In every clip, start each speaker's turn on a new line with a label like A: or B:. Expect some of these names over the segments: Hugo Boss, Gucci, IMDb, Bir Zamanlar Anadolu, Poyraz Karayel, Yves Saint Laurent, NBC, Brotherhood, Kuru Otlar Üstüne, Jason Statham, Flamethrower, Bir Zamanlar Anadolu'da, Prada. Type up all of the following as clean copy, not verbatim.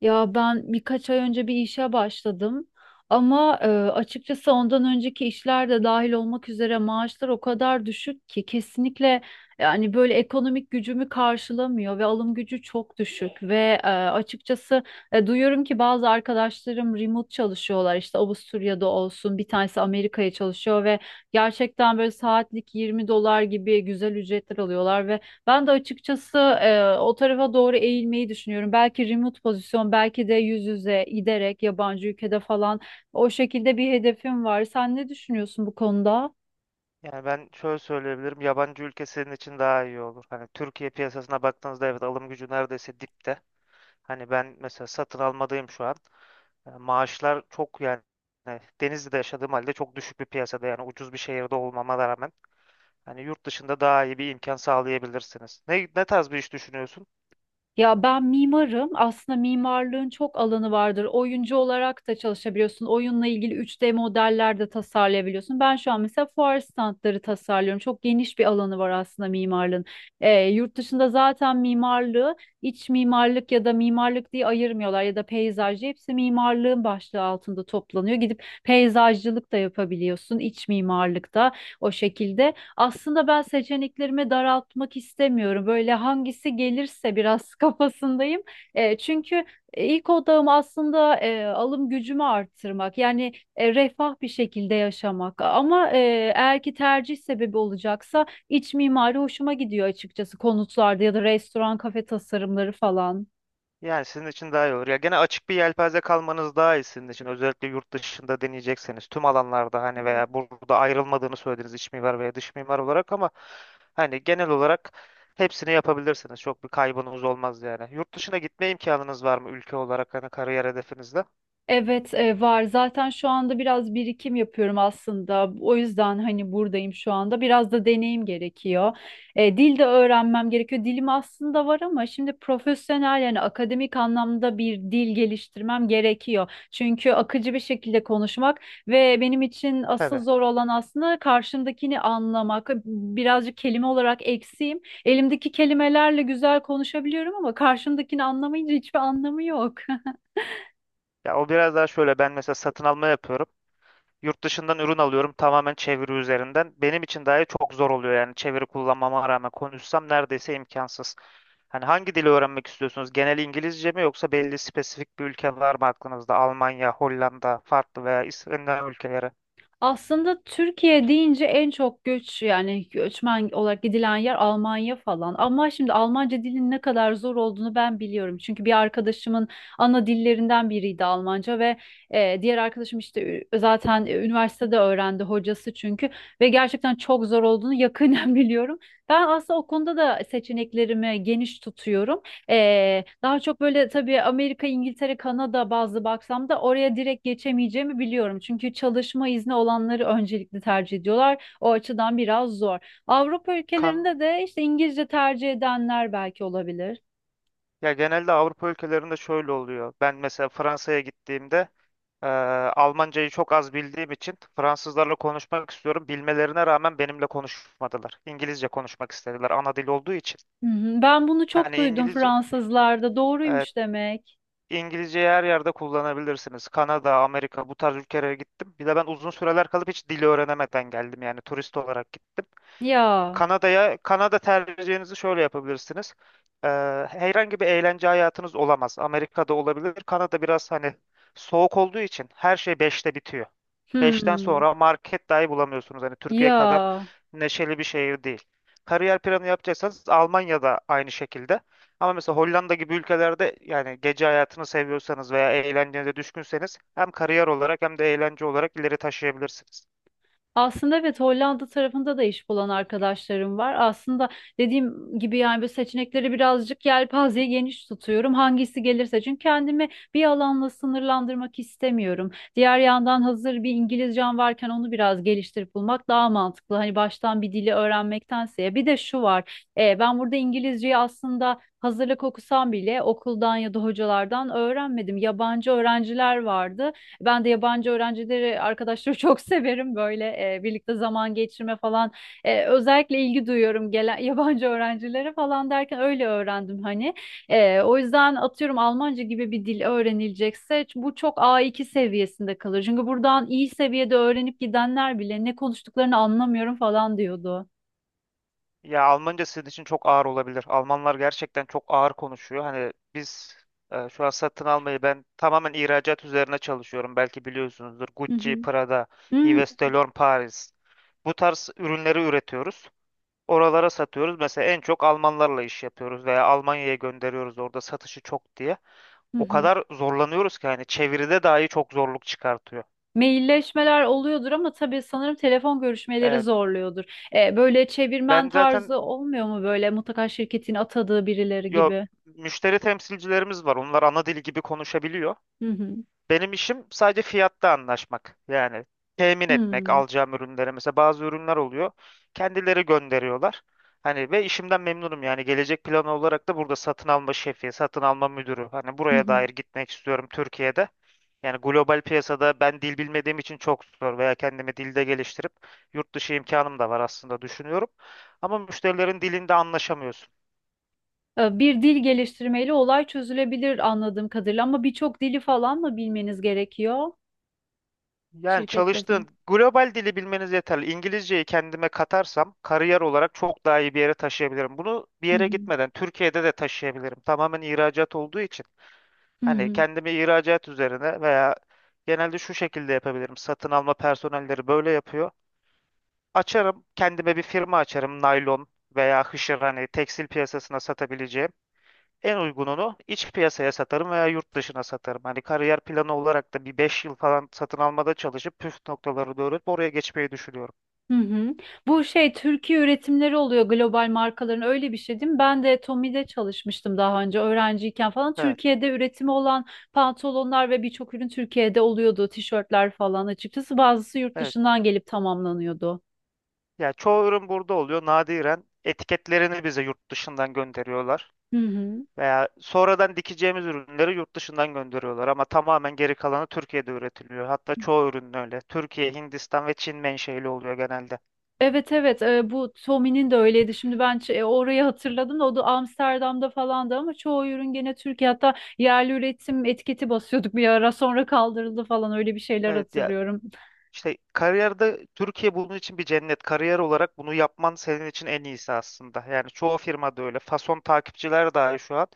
A: Ya ben birkaç ay önce bir işe başladım ama açıkçası ondan önceki işler de dahil olmak üzere maaşlar o kadar düşük ki kesinlikle yani böyle ekonomik gücümü karşılamıyor ve alım gücü çok düşük ve açıkçası duyuyorum ki bazı arkadaşlarım remote çalışıyorlar işte Avusturya'da olsun bir tanesi Amerika'ya çalışıyor ve gerçekten böyle saatlik 20 dolar gibi güzel ücretler alıyorlar ve ben de açıkçası o tarafa doğru eğilmeyi düşünüyorum. Belki remote pozisyon, belki de yüz yüze giderek yabancı ülkede falan o şekilde bir hedefim var. Sen ne düşünüyorsun bu konuda?
B: Yani ben şöyle söyleyebilirim. Yabancı ülke senin için daha iyi olur. Hani Türkiye piyasasına baktığınızda evet alım gücü neredeyse dipte. Hani ben mesela satın almadayım şu an. Maaşlar çok yani Denizli'de yaşadığım halde çok düşük bir piyasada yani ucuz bir şehirde olmama rağmen hani yurt dışında daha iyi bir imkan sağlayabilirsiniz. Ne tarz bir iş düşünüyorsun?
A: Ya ben mimarım. Aslında mimarlığın çok alanı vardır. Oyuncu olarak da çalışabiliyorsun. Oyunla ilgili 3D modeller de tasarlayabiliyorsun. Ben şu an mesela fuar standları tasarlıyorum. Çok geniş bir alanı var aslında mimarlığın. Yurt dışında zaten mimarlığı iç mimarlık ya da mimarlık diye ayırmıyorlar ya da peyzajcı. Hepsi mimarlığın başlığı altında toplanıyor. Gidip peyzajcılık da yapabiliyorsun, iç mimarlık da o şekilde. Aslında ben seçeneklerimi daraltmak istemiyorum. Böyle hangisi gelirse biraz kafasındayım. Çünkü ilk odağım aslında alım gücümü arttırmak. Yani refah bir şekilde yaşamak. Ama eğer ki tercih sebebi olacaksa iç mimari hoşuma gidiyor açıkçası konutlarda ya da restoran, kafe tasarımları falan.
B: Yani sizin için daha iyi olur. Ya gene açık bir yelpaze kalmanız daha iyi sizin için. Özellikle yurt dışında deneyecekseniz tüm alanlarda hani veya burada ayrılmadığını söylediniz iç mimar veya dış mimar olarak ama hani genel olarak hepsini yapabilirsiniz. Çok bir kaybınız olmaz yani. Yurt dışına gitme imkanınız var mı ülke olarak hani kariyer hedefinizde?
A: Evet, var. Zaten şu anda biraz birikim yapıyorum aslında. O yüzden hani buradayım şu anda. Biraz da deneyim gerekiyor. Dil de öğrenmem gerekiyor. Dilim aslında var ama şimdi profesyonel yani akademik anlamda bir dil geliştirmem gerekiyor. Çünkü akıcı bir şekilde konuşmak ve benim için asıl
B: Tabii.
A: zor olan aslında karşımdakini anlamak. Birazcık kelime olarak eksiğim. Elimdeki kelimelerle güzel konuşabiliyorum ama karşımdakini anlamayınca hiçbir anlamı yok.
B: Ya o biraz daha şöyle ben mesela satın alma yapıyorum. Yurt dışından ürün alıyorum tamamen çeviri üzerinden. Benim için dahi çok zor oluyor yani çeviri kullanmama rağmen konuşsam neredeyse imkansız. Hani hangi dili öğrenmek istiyorsunuz? Genel İngilizce mi yoksa belli spesifik bir ülke var mı aklınızda? Almanya, Hollanda, farklı veya İskandinav ülkeleri.
A: Aslında Türkiye deyince en çok göç yani göçmen olarak gidilen yer Almanya falan. Ama şimdi Almanca dilin ne kadar zor olduğunu ben biliyorum. Çünkü bir arkadaşımın ana dillerinden biriydi Almanca ve diğer arkadaşım işte üniversitede öğrendi hocası çünkü ve gerçekten çok zor olduğunu yakından biliyorum. Ben aslında o konuda da seçeneklerimi geniş tutuyorum. Daha çok böyle tabii Amerika, İngiltere, Kanada bazlı baksam da oraya direkt geçemeyeceğimi biliyorum. Çünkü çalışma izni olanları öncelikli tercih ediyorlar. O açıdan biraz zor. Avrupa
B: Kan
A: ülkelerinde de işte İngilizce tercih edenler belki olabilir.
B: ya genelde Avrupa ülkelerinde şöyle oluyor. Ben mesela Fransa'ya gittiğimde eee, Almancayı çok az bildiğim için Fransızlarla konuşmak istiyorum. Bilmelerine rağmen benimle konuşmadılar. İngilizce konuşmak istediler ana dil olduğu için.
A: Hı hı. Ben bunu çok
B: Hani
A: duydum
B: İngilizce
A: Fransızlarda.
B: Evet,
A: Doğruymuş demek.
B: İngilizceyi her yerde kullanabilirsiniz. Kanada, Amerika bu tarz ülkelere gittim. Bir de ben uzun süreler kalıp hiç dili öğrenemeden geldim yani turist olarak gittim.
A: Ya.
B: Kanada'ya, Kanada tercihinizi şöyle yapabilirsiniz. Ee, herhangi bir eğlence hayatınız olamaz. Amerika'da olabilir. Kanada biraz hani soğuk olduğu için her şey 5'te bitiyor. 5'ten
A: Hmm.
B: sonra market dahi bulamıyorsunuz. Hani Türkiye kadar
A: Ya.
B: neşeli bir şehir değil. Kariyer planı yapacaksanız Almanya'da aynı şekilde. Ama mesela Hollanda gibi ülkelerde yani gece hayatını seviyorsanız veya eğlencenize düşkünseniz hem kariyer olarak hem de eğlence olarak ileri taşıyabilirsiniz.
A: Aslında evet, Hollanda tarafında da iş bulan arkadaşlarım var. Aslında dediğim gibi yani bu seçenekleri birazcık yelpazeye geniş tutuyorum. Hangisi gelirse çünkü kendimi bir alanla sınırlandırmak istemiyorum. Diğer yandan hazır bir İngilizcem varken onu biraz geliştirip bulmak daha mantıklı. Hani baştan bir dili öğrenmektense. Bir de şu var. Ben burada İngilizceyi aslında hazırlık okusam bile okuldan ya da hocalardan öğrenmedim. Yabancı öğrenciler vardı. Ben de yabancı öğrencileri, arkadaşları çok severim böyle birlikte zaman geçirme falan. Özellikle ilgi duyuyorum gelen yabancı öğrencilere falan derken öyle öğrendim hani. O yüzden atıyorum Almanca gibi bir dil öğrenilecekse bu çok A2 seviyesinde kalır. Çünkü buradan iyi seviyede öğrenip gidenler bile ne konuştuklarını anlamıyorum falan diyordu.
B: Ya Almanca sizin için çok ağır olabilir. Almanlar gerçekten çok ağır konuşuyor. Hani biz şu an satın almayı ben tamamen ihracat üzerine çalışıyorum. Belki biliyorsunuzdur.
A: Hı
B: Gucci,
A: hı.
B: Prada,
A: Hı
B: Yves
A: hı.
B: Saint Laurent Paris. Bu tarz ürünleri üretiyoruz. Oralara satıyoruz. Mesela en çok Almanlarla iş yapıyoruz veya Almanya'ya gönderiyoruz orada satışı çok diye.
A: Hı
B: O
A: hı.
B: kadar zorlanıyoruz ki hani çeviride dahi çok zorluk çıkartıyor.
A: Mailleşmeler oluyordur ama tabii sanırım telefon görüşmeleri
B: Evet.
A: zorluyordur. Böyle çevirmen
B: Ben
A: tarzı
B: zaten
A: olmuyor mu böyle mutlaka şirketin atadığı birileri
B: yo
A: gibi?
B: müşteri temsilcilerimiz var. Onlar ana dili gibi konuşabiliyor.
A: Hı hı.
B: Benim işim sadece fiyatta anlaşmak. Yani temin etmek
A: Hmm.
B: alacağım ürünleri. Mesela bazı ürünler oluyor. Kendileri gönderiyorlar. Hani ve işimden memnunum yani gelecek planı olarak da burada satın alma şefi, satın alma müdürü. Hani
A: Hı
B: buraya
A: hı.
B: dair gitmek istiyorum Türkiye'de. Yani global piyasada ben dil bilmediğim için çok zor veya kendimi dilde geliştirip yurt dışı imkanım da var aslında düşünüyorum. Ama müşterilerin dilinde anlaşamıyorsun.
A: Bir dil geliştirmeyle olay çözülebilir anladığım kadarıyla ama birçok dili falan mı bilmeniz gerekiyor
B: Yani
A: şirket bazında?
B: çalıştığın global dili bilmeniz yeterli. İngilizceyi kendime katarsam kariyer olarak çok daha iyi bir yere taşıyabilirim. Bunu bir
A: Hı
B: yere
A: hı.
B: gitmeden Türkiye'de de taşıyabilirim. Tamamen ihracat olduğu için.
A: Hı
B: Hani
A: hı.
B: kendimi ihracat üzerine veya genelde şu şekilde yapabilirim. Satın alma personelleri böyle yapıyor. Açarım, kendime bir firma açarım. Naylon veya hışır hani tekstil piyasasına satabileceğim. En uygununu iç piyasaya satarım veya yurt dışına satarım. Hani kariyer planı olarak da bir 5 yıl falan satın almada çalışıp püf noktaları doğru, öğrenip oraya geçmeyi düşünüyorum.
A: Hı hı. Bu şey Türkiye üretimleri oluyor global markaların, öyle bir şey değil mi? Ben de Tommy'de çalışmıştım daha önce öğrenciyken falan.
B: Evet,
A: Türkiye'de üretimi olan pantolonlar ve birçok ürün Türkiye'de oluyordu. Tişörtler falan açıkçası bazısı yurt
B: evet.
A: dışından gelip tamamlanıyordu.
B: Ya çoğu ürün burada oluyor. Nadiren etiketlerini bize yurt dışından gönderiyorlar.
A: Hı hı.
B: Veya sonradan dikeceğimiz ürünleri yurt dışından gönderiyorlar ama tamamen geri kalanı Türkiye'de üretiliyor. Hatta çoğu ürün öyle. Türkiye, Hindistan ve Çin menşeli oluyor genelde.
A: Evet, evet, bu Tommy'nin de öyleydi. Şimdi ben orayı hatırladım da o da Amsterdam'da falandı ama çoğu ürün gene Türkiye, hatta yerli üretim etiketi basıyorduk bir ara, sonra kaldırıldı falan öyle bir şeyler
B: Evet ya
A: hatırlıyorum.
B: İşte kariyerde Türkiye bunun için bir cennet. Kariyer olarak bunu yapman senin için en iyisi aslında. Yani çoğu firmada öyle. Fason takipçiler dahi şu an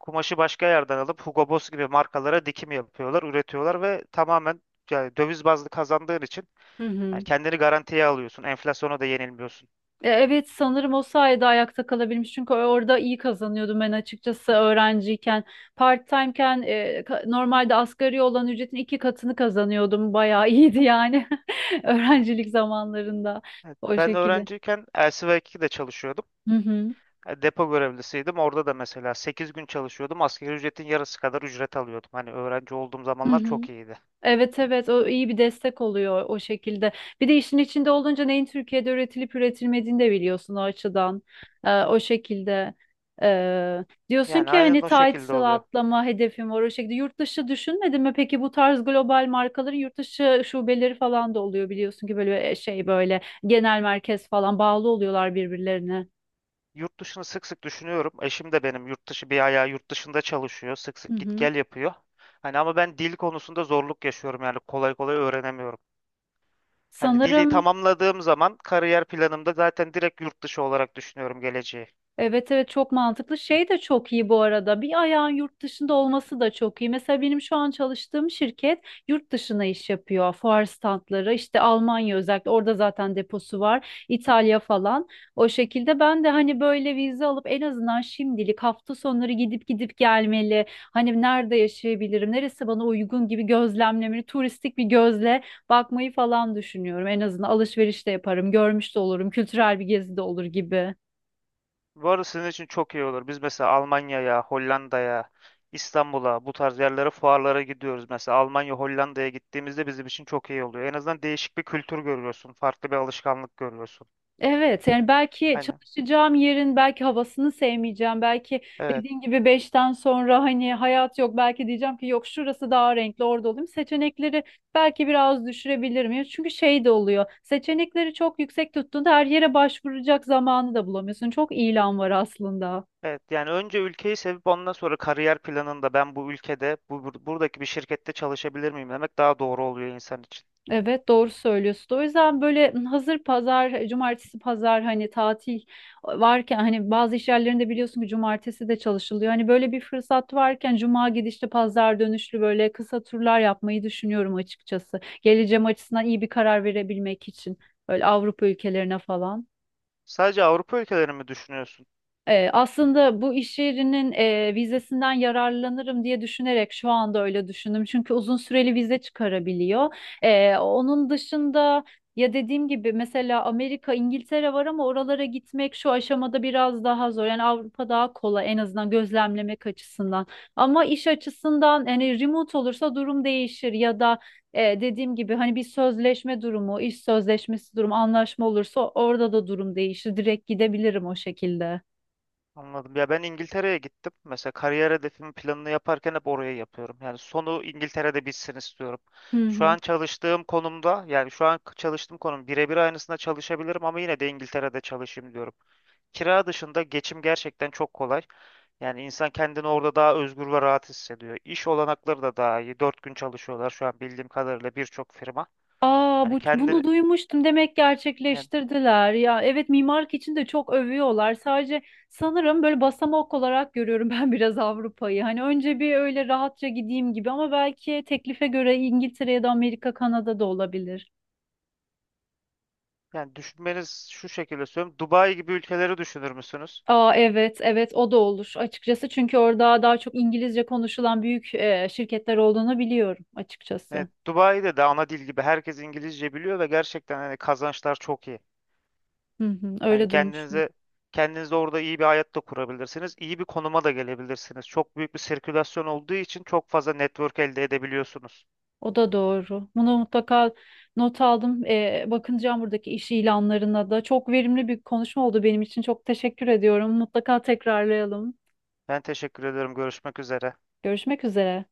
B: kumaşı başka yerden alıp Hugo Boss gibi markalara dikim yapıyorlar, üretiyorlar ve tamamen yani döviz bazlı kazandığın için
A: Hı
B: yani
A: hı.
B: kendini garantiye alıyorsun. Enflasyona da yenilmiyorsun.
A: Evet, sanırım o sayede ayakta kalabilmiş çünkü orada iyi kazanıyordum ben açıkçası öğrenciyken part-time'ken normalde asgari olan ücretin 2 katını kazanıyordum, bayağı iyiydi yani
B: Evet.
A: öğrencilik zamanlarında o
B: Ben
A: şekilde.
B: öğrenciyken LCV2'de çalışıyordum.
A: Hı hı.
B: Depo görevlisiydim. Orada da mesela 8 gün çalışıyordum. Asgari ücretin yarısı kadar ücret alıyordum. Hani öğrenci olduğum
A: Hı
B: zamanlar
A: hı.
B: çok iyiydi.
A: Evet, evet, o iyi bir destek oluyor o şekilde. Bir de işin içinde olunca neyin Türkiye'de üretilip üretilmediğini de biliyorsun o açıdan. O şekilde ee, diyorsun
B: Yani
A: ki
B: aynen
A: hani
B: o şekilde
A: title
B: oluyor.
A: atlama hedefim var o şekilde. Yurt dışı düşünmedin mi? Peki bu tarz global markaların yurt dışı şubeleri falan da oluyor biliyorsun ki böyle böyle genel merkez falan, bağlı oluyorlar birbirlerine.
B: Yurt dışını sık sık düşünüyorum. Eşim de benim yurt dışı bir ayağı yurt dışında çalışıyor. Sık
A: Hı
B: sık git
A: hı.
B: gel yapıyor. Hani ama ben dil konusunda zorluk yaşıyorum yani kolay kolay öğrenemiyorum. Hani dili
A: Sanırım
B: tamamladığım zaman kariyer planımda zaten direkt yurt dışı olarak düşünüyorum geleceği.
A: evet, evet, çok mantıklı. Şey de çok iyi bu arada. Bir ayağın yurt dışında olması da çok iyi. Mesela benim şu an çalıştığım şirket yurt dışına iş yapıyor. Fuar standları işte Almanya, özellikle orada zaten deposu var. İtalya falan. O şekilde ben de hani böyle vize alıp en azından şimdilik hafta sonları gidip gidip gelmeli. Hani nerede yaşayabilirim? Neresi bana uygun gibi gözlemlemeli. Turistik bir gözle bakmayı falan düşünüyorum. En azından alışveriş de yaparım. Görmüş de olurum. Kültürel bir gezi de olur gibi.
B: Bu arada sizin için çok iyi olur. Biz mesela Almanya'ya, Hollanda'ya, İstanbul'a bu tarz yerlere fuarlara gidiyoruz. Mesela Almanya, Hollanda'ya gittiğimizde bizim için çok iyi oluyor. En azından değişik bir kültür görüyorsun, farklı bir alışkanlık görüyorsun.
A: Evet yani belki
B: Hani.
A: çalışacağım yerin belki havasını sevmeyeceğim. Belki
B: Evet.
A: dediğin gibi beşten sonra hani hayat yok. Belki diyeceğim ki yok, şurası daha renkli, orada olayım. Seçenekleri belki biraz düşürebilirim. Ya çünkü şey de oluyor. Seçenekleri çok yüksek tuttuğunda her yere başvuracak zamanı da bulamıyorsun. Çok ilan var aslında.
B: Evet yani önce ülkeyi sevip ondan sonra kariyer planında ben bu ülkede bu buradaki bir şirkette çalışabilir miyim demek daha doğru oluyor insan için.
A: Evet, doğru söylüyorsun. O yüzden böyle hazır pazar, cumartesi pazar hani tatil varken, hani bazı iş yerlerinde biliyorsun ki cumartesi de çalışılıyor. Hani böyle bir fırsat varken cuma gidişli pazar dönüşlü böyle kısa turlar yapmayı düşünüyorum açıkçası. Geleceğim açısından iyi bir karar verebilmek için böyle Avrupa ülkelerine falan.
B: Sadece Avrupa ülkelerini mi düşünüyorsun?
A: Aslında bu iş yerinin vizesinden yararlanırım diye düşünerek şu anda öyle düşündüm. Çünkü uzun süreli vize çıkarabiliyor. Onun dışında ya dediğim gibi mesela Amerika, İngiltere var ama oralara gitmek şu aşamada biraz daha zor. Yani Avrupa daha kolay, en azından gözlemlemek açısından. Ama iş açısından yani remote olursa durum değişir ya da dediğim gibi hani bir sözleşme durumu, iş sözleşmesi durumu, anlaşma olursa orada da durum değişir. Direkt gidebilirim o şekilde.
B: Anladım. Ya ben İngiltere'ye gittim. Mesela kariyer hedefimin planını yaparken hep oraya yapıyorum. Yani sonu İngiltere'de bitsin istiyorum.
A: Hı
B: Şu
A: hı.
B: an çalıştığım konumda yani şu an çalıştığım konum birebir aynısında çalışabilirim ama yine de İngiltere'de çalışayım diyorum. Kira dışında geçim gerçekten çok kolay. Yani insan kendini orada daha özgür ve rahat hissediyor. İş olanakları da daha iyi. 4 gün çalışıyorlar şu an bildiğim kadarıyla birçok firma.
A: Aa,
B: Hani
A: bu
B: kendini
A: bunu duymuştum. Demek
B: yani,
A: gerçekleştirdiler. Ya evet, mimarlık için de çok övüyorlar. Sadece sanırım böyle basamak olarak görüyorum ben biraz Avrupa'yı. Hani önce bir öyle rahatça gideyim gibi ama belki teklife göre İngiltere ya da Amerika, Kanada da olabilir.
B: yani düşünmeniz şu şekilde söylüyorum. Dubai gibi ülkeleri düşünür müsünüz?
A: Aa evet, evet, o da olur açıkçası. Çünkü orada daha çok İngilizce konuşulan büyük şirketler olduğunu biliyorum açıkçası.
B: Evet, Dubai'de de ana dil gibi herkes İngilizce biliyor ve gerçekten hani kazançlar çok iyi.
A: Hı hı,
B: Yani
A: öyle duymuştum.
B: kendinize orada iyi bir hayat da kurabilirsiniz. İyi bir konuma da gelebilirsiniz. Çok büyük bir sirkülasyon olduğu için çok fazla network elde edebiliyorsunuz.
A: O da doğru. Bunu mutlaka not aldım. Bakınacağım buradaki iş ilanlarına da. Çok verimli bir konuşma oldu benim için. Çok teşekkür ediyorum. Mutlaka tekrarlayalım.
B: Ben teşekkür ederim. Görüşmek üzere.
A: Görüşmek üzere.